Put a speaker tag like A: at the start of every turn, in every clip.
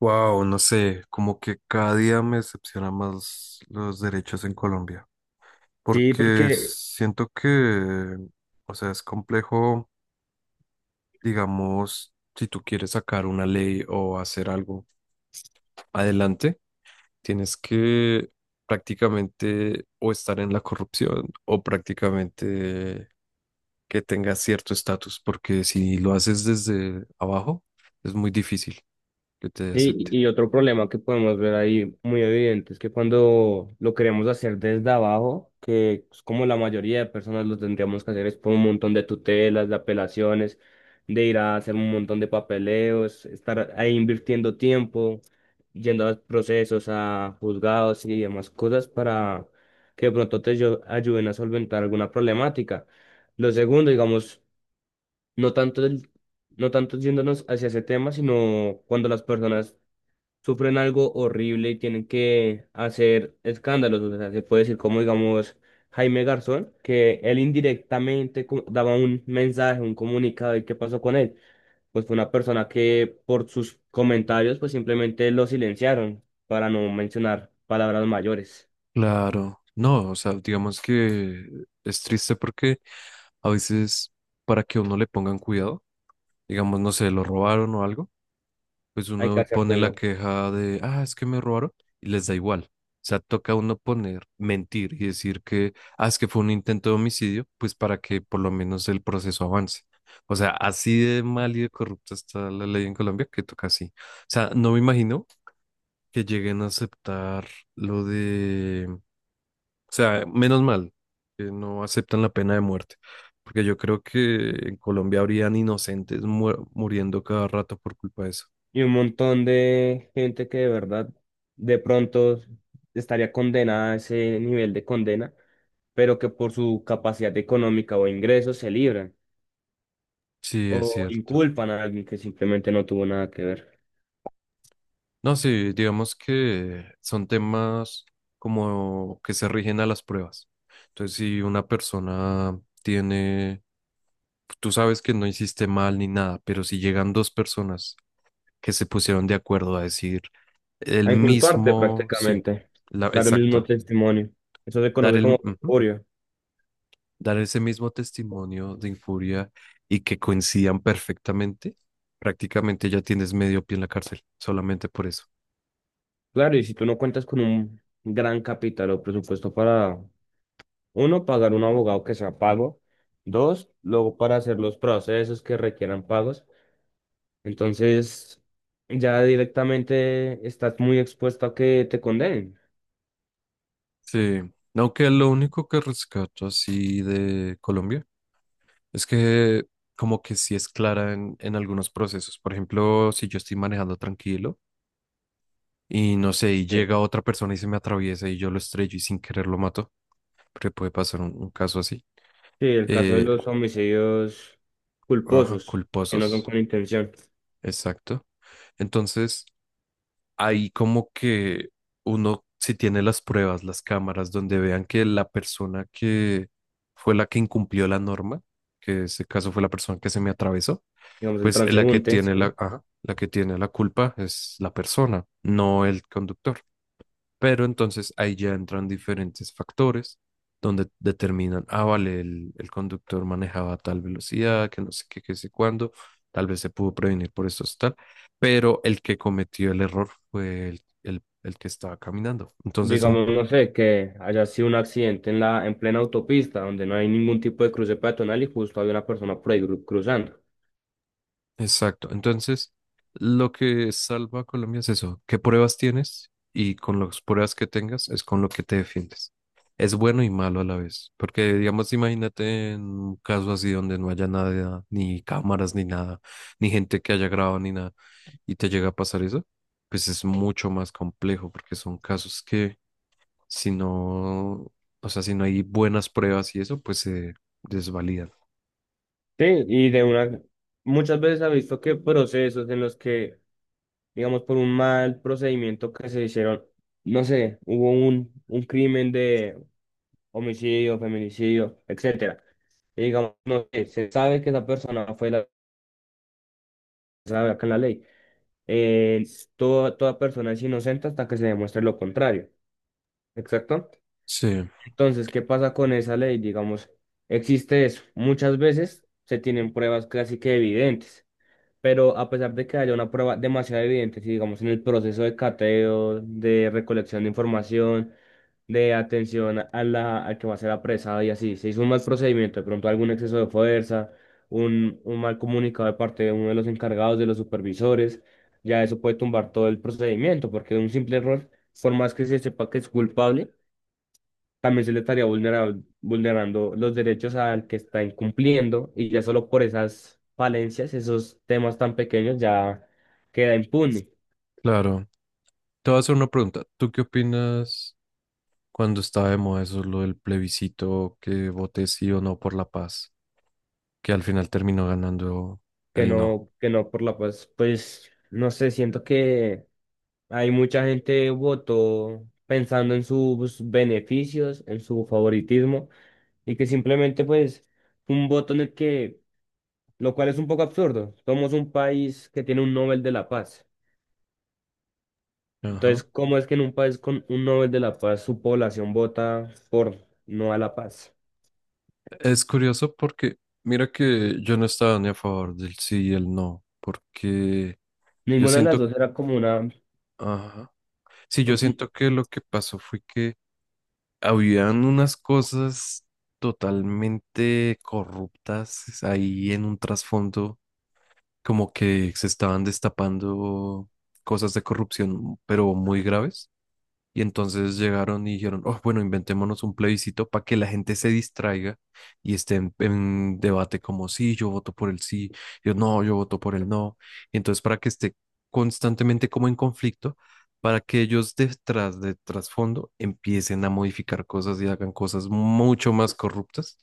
A: Wow, no sé, como que cada día me decepciona más los derechos en Colombia,
B: Sí,
A: porque
B: porque,
A: siento que, o sea, es complejo, digamos, si tú quieres sacar una ley o hacer algo adelante, tienes que prácticamente o estar en la corrupción o prácticamente que tengas cierto estatus, porque si lo haces desde abajo, es muy difícil que te
B: sí,
A: acepten.
B: y y otro problema que podemos ver ahí muy evidente es que cuando lo queremos hacer desde abajo, que es como la mayoría de personas lo tendríamos que hacer, es por un montón de tutelas, de apelaciones, de ir a hacer un montón de papeleos, estar ahí invirtiendo tiempo, yendo a procesos, a juzgados y demás cosas para que de pronto te ayuden a solventar alguna problemática. Lo segundo, digamos, no tanto del no tanto yéndonos hacia ese tema, sino cuando las personas sufren algo horrible y tienen que hacer escándalos. O sea, se puede decir como, digamos, Jaime Garzón, que él indirectamente daba un mensaje, un comunicado, ¿y qué pasó con él? Pues fue una persona que por sus comentarios, pues simplemente lo silenciaron, para no mencionar palabras mayores.
A: Claro, no, o sea, digamos que es triste porque a veces para que a uno le pongan cuidado, digamos, no sé, lo robaron o algo, pues
B: Hay que
A: uno
B: hacer
A: pone la
B: ruido.
A: queja de, ah, es que me robaron y les da igual. O sea, toca a uno poner, mentir y decir que, ah, es que fue un intento de homicidio, pues para que por lo menos el proceso avance. O sea, así de mal y de corrupta está la ley en Colombia que toca así. O sea, no me imagino que lleguen a aceptar lo de... O sea, menos mal que no aceptan la pena de muerte, porque yo creo que en Colombia habrían inocentes muriendo cada rato por culpa de eso.
B: Y un montón de gente que de verdad de pronto estaría condenada a ese nivel de condena, pero que por su capacidad económica o ingresos se libran
A: Sí, es
B: o
A: cierto.
B: inculpan a alguien que simplemente no tuvo nada que ver.
A: No, sí, digamos que son temas como que se rigen a las pruebas. Entonces, si una persona tiene, tú sabes que no hiciste mal ni nada, pero si llegan dos personas que se pusieron de acuerdo a decir el
B: A inculparte
A: mismo, sí,
B: prácticamente,
A: la,
B: dar el mismo
A: exacto,
B: testimonio. Eso se conoce como
A: ujú.
B: perjurio.
A: Dar ese mismo testimonio de infuria y que coincidan perfectamente, prácticamente ya tienes medio pie en la cárcel, solamente por eso.
B: Claro, y si tú no cuentas con un gran capital o presupuesto para, uno, pagar un abogado que sea pago, dos, luego para hacer los procesos que requieran pagos. Entonces, ya directamente estás muy expuesto a que te condenen.
A: Sí, aunque lo único que rescato así de Colombia es que como que sí es clara en algunos procesos. Por ejemplo, si yo estoy manejando tranquilo y no sé, y
B: Sí.
A: llega otra persona y se me atraviesa y yo lo estrello y sin querer lo mato, porque puede pasar un caso así.
B: Sí, el caso de
A: Eh,
B: los homicidios
A: ajá,
B: culposos, que no son
A: culposos,
B: con intención.
A: exacto. Entonces... ahí como que uno, si tiene las pruebas, las cámaras, donde vean que la persona que fue la que incumplió la norma, que en ese caso fue la persona que se me atravesó,
B: Digamos, el
A: pues la que
B: transeúnte, sí.
A: tiene la, ajá, la que tiene la culpa es la persona, no el conductor. Pero entonces ahí ya entran diferentes factores donde determinan, ah, vale, el conductor manejaba a tal velocidad, que no sé qué, qué sé cuándo, tal vez se pudo prevenir por eso, tal, pero el que cometió el error fue el que estaba caminando. Entonces son...
B: Digamos, no sé, que haya sido un accidente en la, en plena autopista, donde no hay ningún tipo de cruce peatonal y justo hay una persona por ahí cruzando.
A: Exacto. Entonces, lo que salva a Colombia es eso, qué pruebas tienes y con las pruebas que tengas es con lo que te defiendes. Es bueno y malo a la vez, porque digamos, imagínate en un caso así donde no haya nada, ni cámaras, ni nada, ni gente que haya grabado, ni nada, y te llega a pasar eso, pues es mucho más complejo, porque son casos que si no, o sea, si no hay buenas pruebas y eso, pues se desvalidan.
B: Sí, y de una, muchas veces ha visto que procesos en los que, digamos, por un mal procedimiento que se hicieron, no sé, hubo un crimen de homicidio, feminicidio, etcétera. Y digamos, no sé, se sabe que esa persona fue la, se sabe acá en la ley. Eh, toda persona es inocente hasta que se demuestre lo contrario. Exacto.
A: Sí,
B: Entonces, ¿qué pasa con esa ley? Digamos, existe eso. Muchas veces se tienen pruebas casi que evidentes. Pero a pesar de que haya una prueba demasiado evidente, si digamos en el proceso de cateo, de recolección de información, de atención a la, al que va a ser apresado y así, se hizo un mal procedimiento, de pronto algún exceso de fuerza, un mal comunicado de parte de uno de los encargados, de los supervisores, ya eso puede tumbar todo el procedimiento, porque un simple error, por más que se sepa que es culpable, también se le estaría vulnerando los derechos al que está incumpliendo y ya solo por esas falencias, esos temas tan pequeños ya queda impune.
A: claro. Te voy a hacer una pregunta. ¿Tú qué opinas cuando estaba de moda eso, lo del plebiscito, que voté sí o no por la paz, que al final terminó ganando
B: Que
A: el no?
B: no, que no por la paz, pues no sé, siento que hay mucha gente votó pensando en sus beneficios, en su favoritismo y que simplemente pues un voto en el que, lo cual es un poco absurdo, somos un país que tiene un Nobel de la Paz.
A: Ajá.
B: Entonces, ¿cómo es que en un país con un Nobel de la Paz su población vota por no a la paz?
A: Es curioso porque, mira que yo no estaba ni a favor del sí y el no, porque yo
B: Ninguna de las
A: siento,
B: dos era como una...
A: ajá. Sí,
B: No.
A: yo siento que lo que pasó fue que habían unas cosas totalmente corruptas ahí en un trasfondo como que se estaban destapando cosas de corrupción, pero muy graves. Y entonces llegaron y dijeron, oh, bueno, inventémonos un plebiscito para que la gente se distraiga y esté en debate como, sí, yo voto por el sí, yo no, yo voto por el no. Y entonces para que esté constantemente como en conflicto, para que ellos detrás de trasfondo empiecen a modificar cosas y hagan cosas mucho más corruptas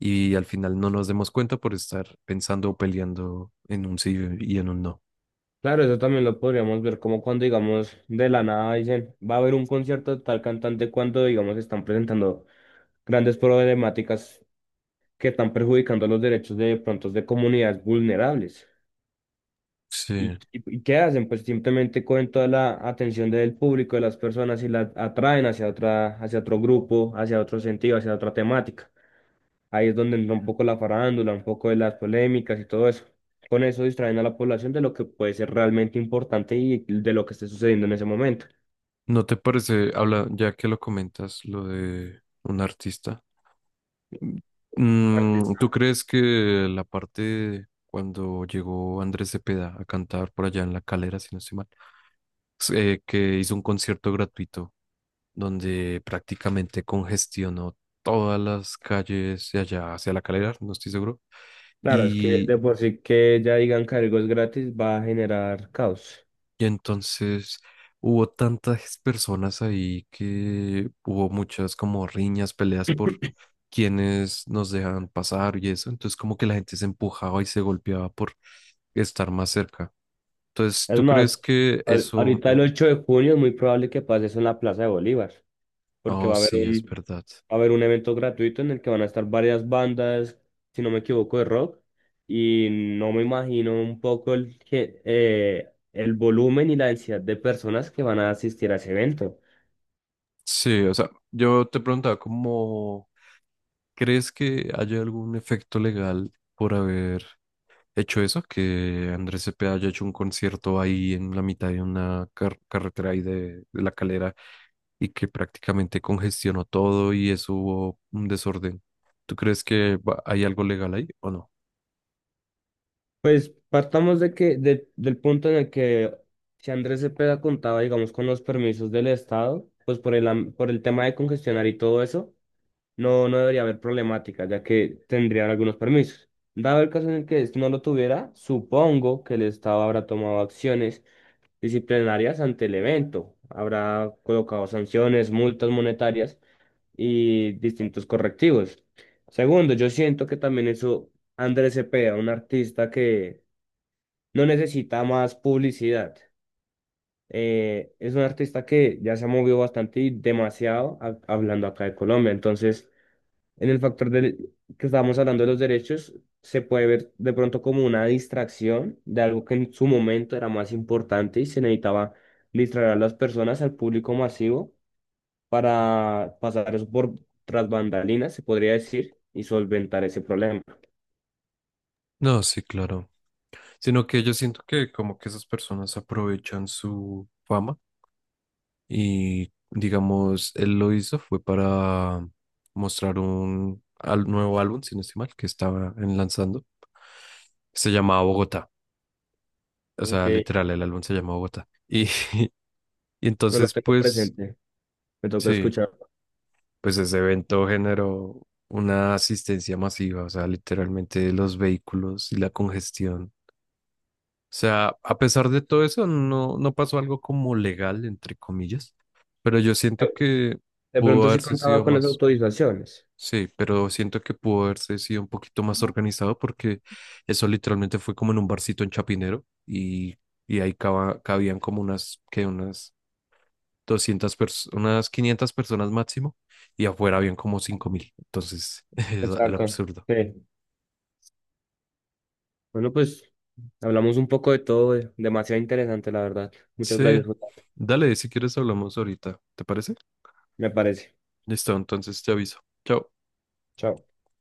A: y al final no nos demos cuenta por estar pensando o peleando en un sí y en un no.
B: Claro, eso también lo podríamos ver como cuando, digamos, de la nada dicen, va a haber un concierto de tal cantante cuando, digamos, están presentando grandes problemáticas que están perjudicando los derechos de pronto de comunidades vulnerables. ¿Y,
A: Sí.
B: y, y qué hacen? Pues simplemente cogen toda la atención del público, de las personas y la atraen hacia otra, hacia otro grupo, hacia otro sentido, hacia otra temática. Ahí es donde entra un poco la farándula, un poco de las polémicas y todo eso. Con eso distraen a la población de lo que puede ser realmente importante y de lo que esté sucediendo en ese momento.
A: ¿No te parece, habla, ya que lo comentas, lo de un artista? ¿Tú
B: Artista.
A: crees que la parte cuando llegó Andrés Cepeda a cantar por allá en La Calera, si no estoy mal, que hizo un concierto gratuito donde prácticamente congestionó todas las calles de allá hacia La Calera, no estoy seguro,
B: Claro, es que
A: y...
B: de por sí que ya digan que algo es gratis va a generar caos.
A: Y entonces hubo tantas personas ahí que hubo muchas como riñas, peleas por quienes nos dejaban pasar y eso. Entonces como que la gente se empujaba y se golpeaba por estar más cerca. Entonces,
B: Es
A: ¿tú crees
B: más,
A: que eso...
B: ahorita el 8 de junio es muy probable que pase eso en la Plaza de Bolívar, porque
A: Oh,
B: va
A: sí, es verdad.
B: a haber un evento gratuito en el que van a estar varias bandas, si no me equivoco, de rock. Y no me imagino un poco el, que, el volumen y la densidad de personas que van a asistir a ese evento.
A: Sí, o sea, yo te preguntaba como, ¿crees que haya algún efecto legal por haber hecho eso, que Andrés Cepeda haya hecho un concierto ahí en la mitad de una carretera ahí de La Calera y que prácticamente congestionó todo y eso hubo un desorden? ¿Tú crees que hay algo legal ahí o no?
B: Pues partamos de que, del punto en el que si Andrés Cepeda contaba, digamos, con los permisos del Estado, pues por el, por el tema de congestionar y todo eso, no, no debería haber problemática, ya que tendrían algunos permisos. Dado el caso en el que este no lo tuviera, supongo que el Estado habrá tomado acciones disciplinarias ante el evento. Habrá colocado sanciones, multas monetarias y distintos correctivos. Segundo, yo siento que también eso Andrés Cepeda, un artista que no necesita más publicidad. Es un artista que ya se ha movido bastante y demasiado hablando acá de Colombia. Entonces, en el factor del, que estábamos hablando de los derechos, se puede ver de pronto como una distracción de algo que en su momento era más importante y se necesitaba distraer a las personas, al público masivo, para pasar eso por tras bambalinas, se podría decir, y solventar ese problema.
A: No, sí, claro. Sino que yo siento que como que esas personas aprovechan su fama y digamos, él lo hizo fue para mostrar un nuevo álbum, si no estoy mal, que estaba en lanzando. Se llamaba Bogotá. O
B: Ok.
A: sea, literal, el álbum se llama Bogotá. Y y
B: No lo
A: entonces,
B: tengo
A: pues,
B: presente, me toca
A: sí,
B: escuchar.
A: pues ese evento generó una asistencia masiva, o sea, literalmente los vehículos y la congestión. O sea, a pesar de todo eso, no, no pasó algo como legal, entre comillas, pero yo siento que
B: De
A: pudo
B: pronto sí
A: haberse sido
B: contaba con las
A: más,
B: autorizaciones.
A: sí, pero siento que pudo haberse sido un poquito más organizado porque eso literalmente fue como en un barcito en Chapinero y ahí cabían como unas, que unas 200 personas, unas 500 personas máximo, y afuera habían como 5.000. Entonces era
B: Exacto.
A: absurdo.
B: Sí. Bueno, pues hablamos un poco de todo, demasiado interesante, la verdad. Muchas
A: Sí,
B: gracias, Jota,
A: dale, si quieres hablamos ahorita, ¿te parece?
B: me parece.
A: Listo, entonces te aviso. Chao.
B: Chao.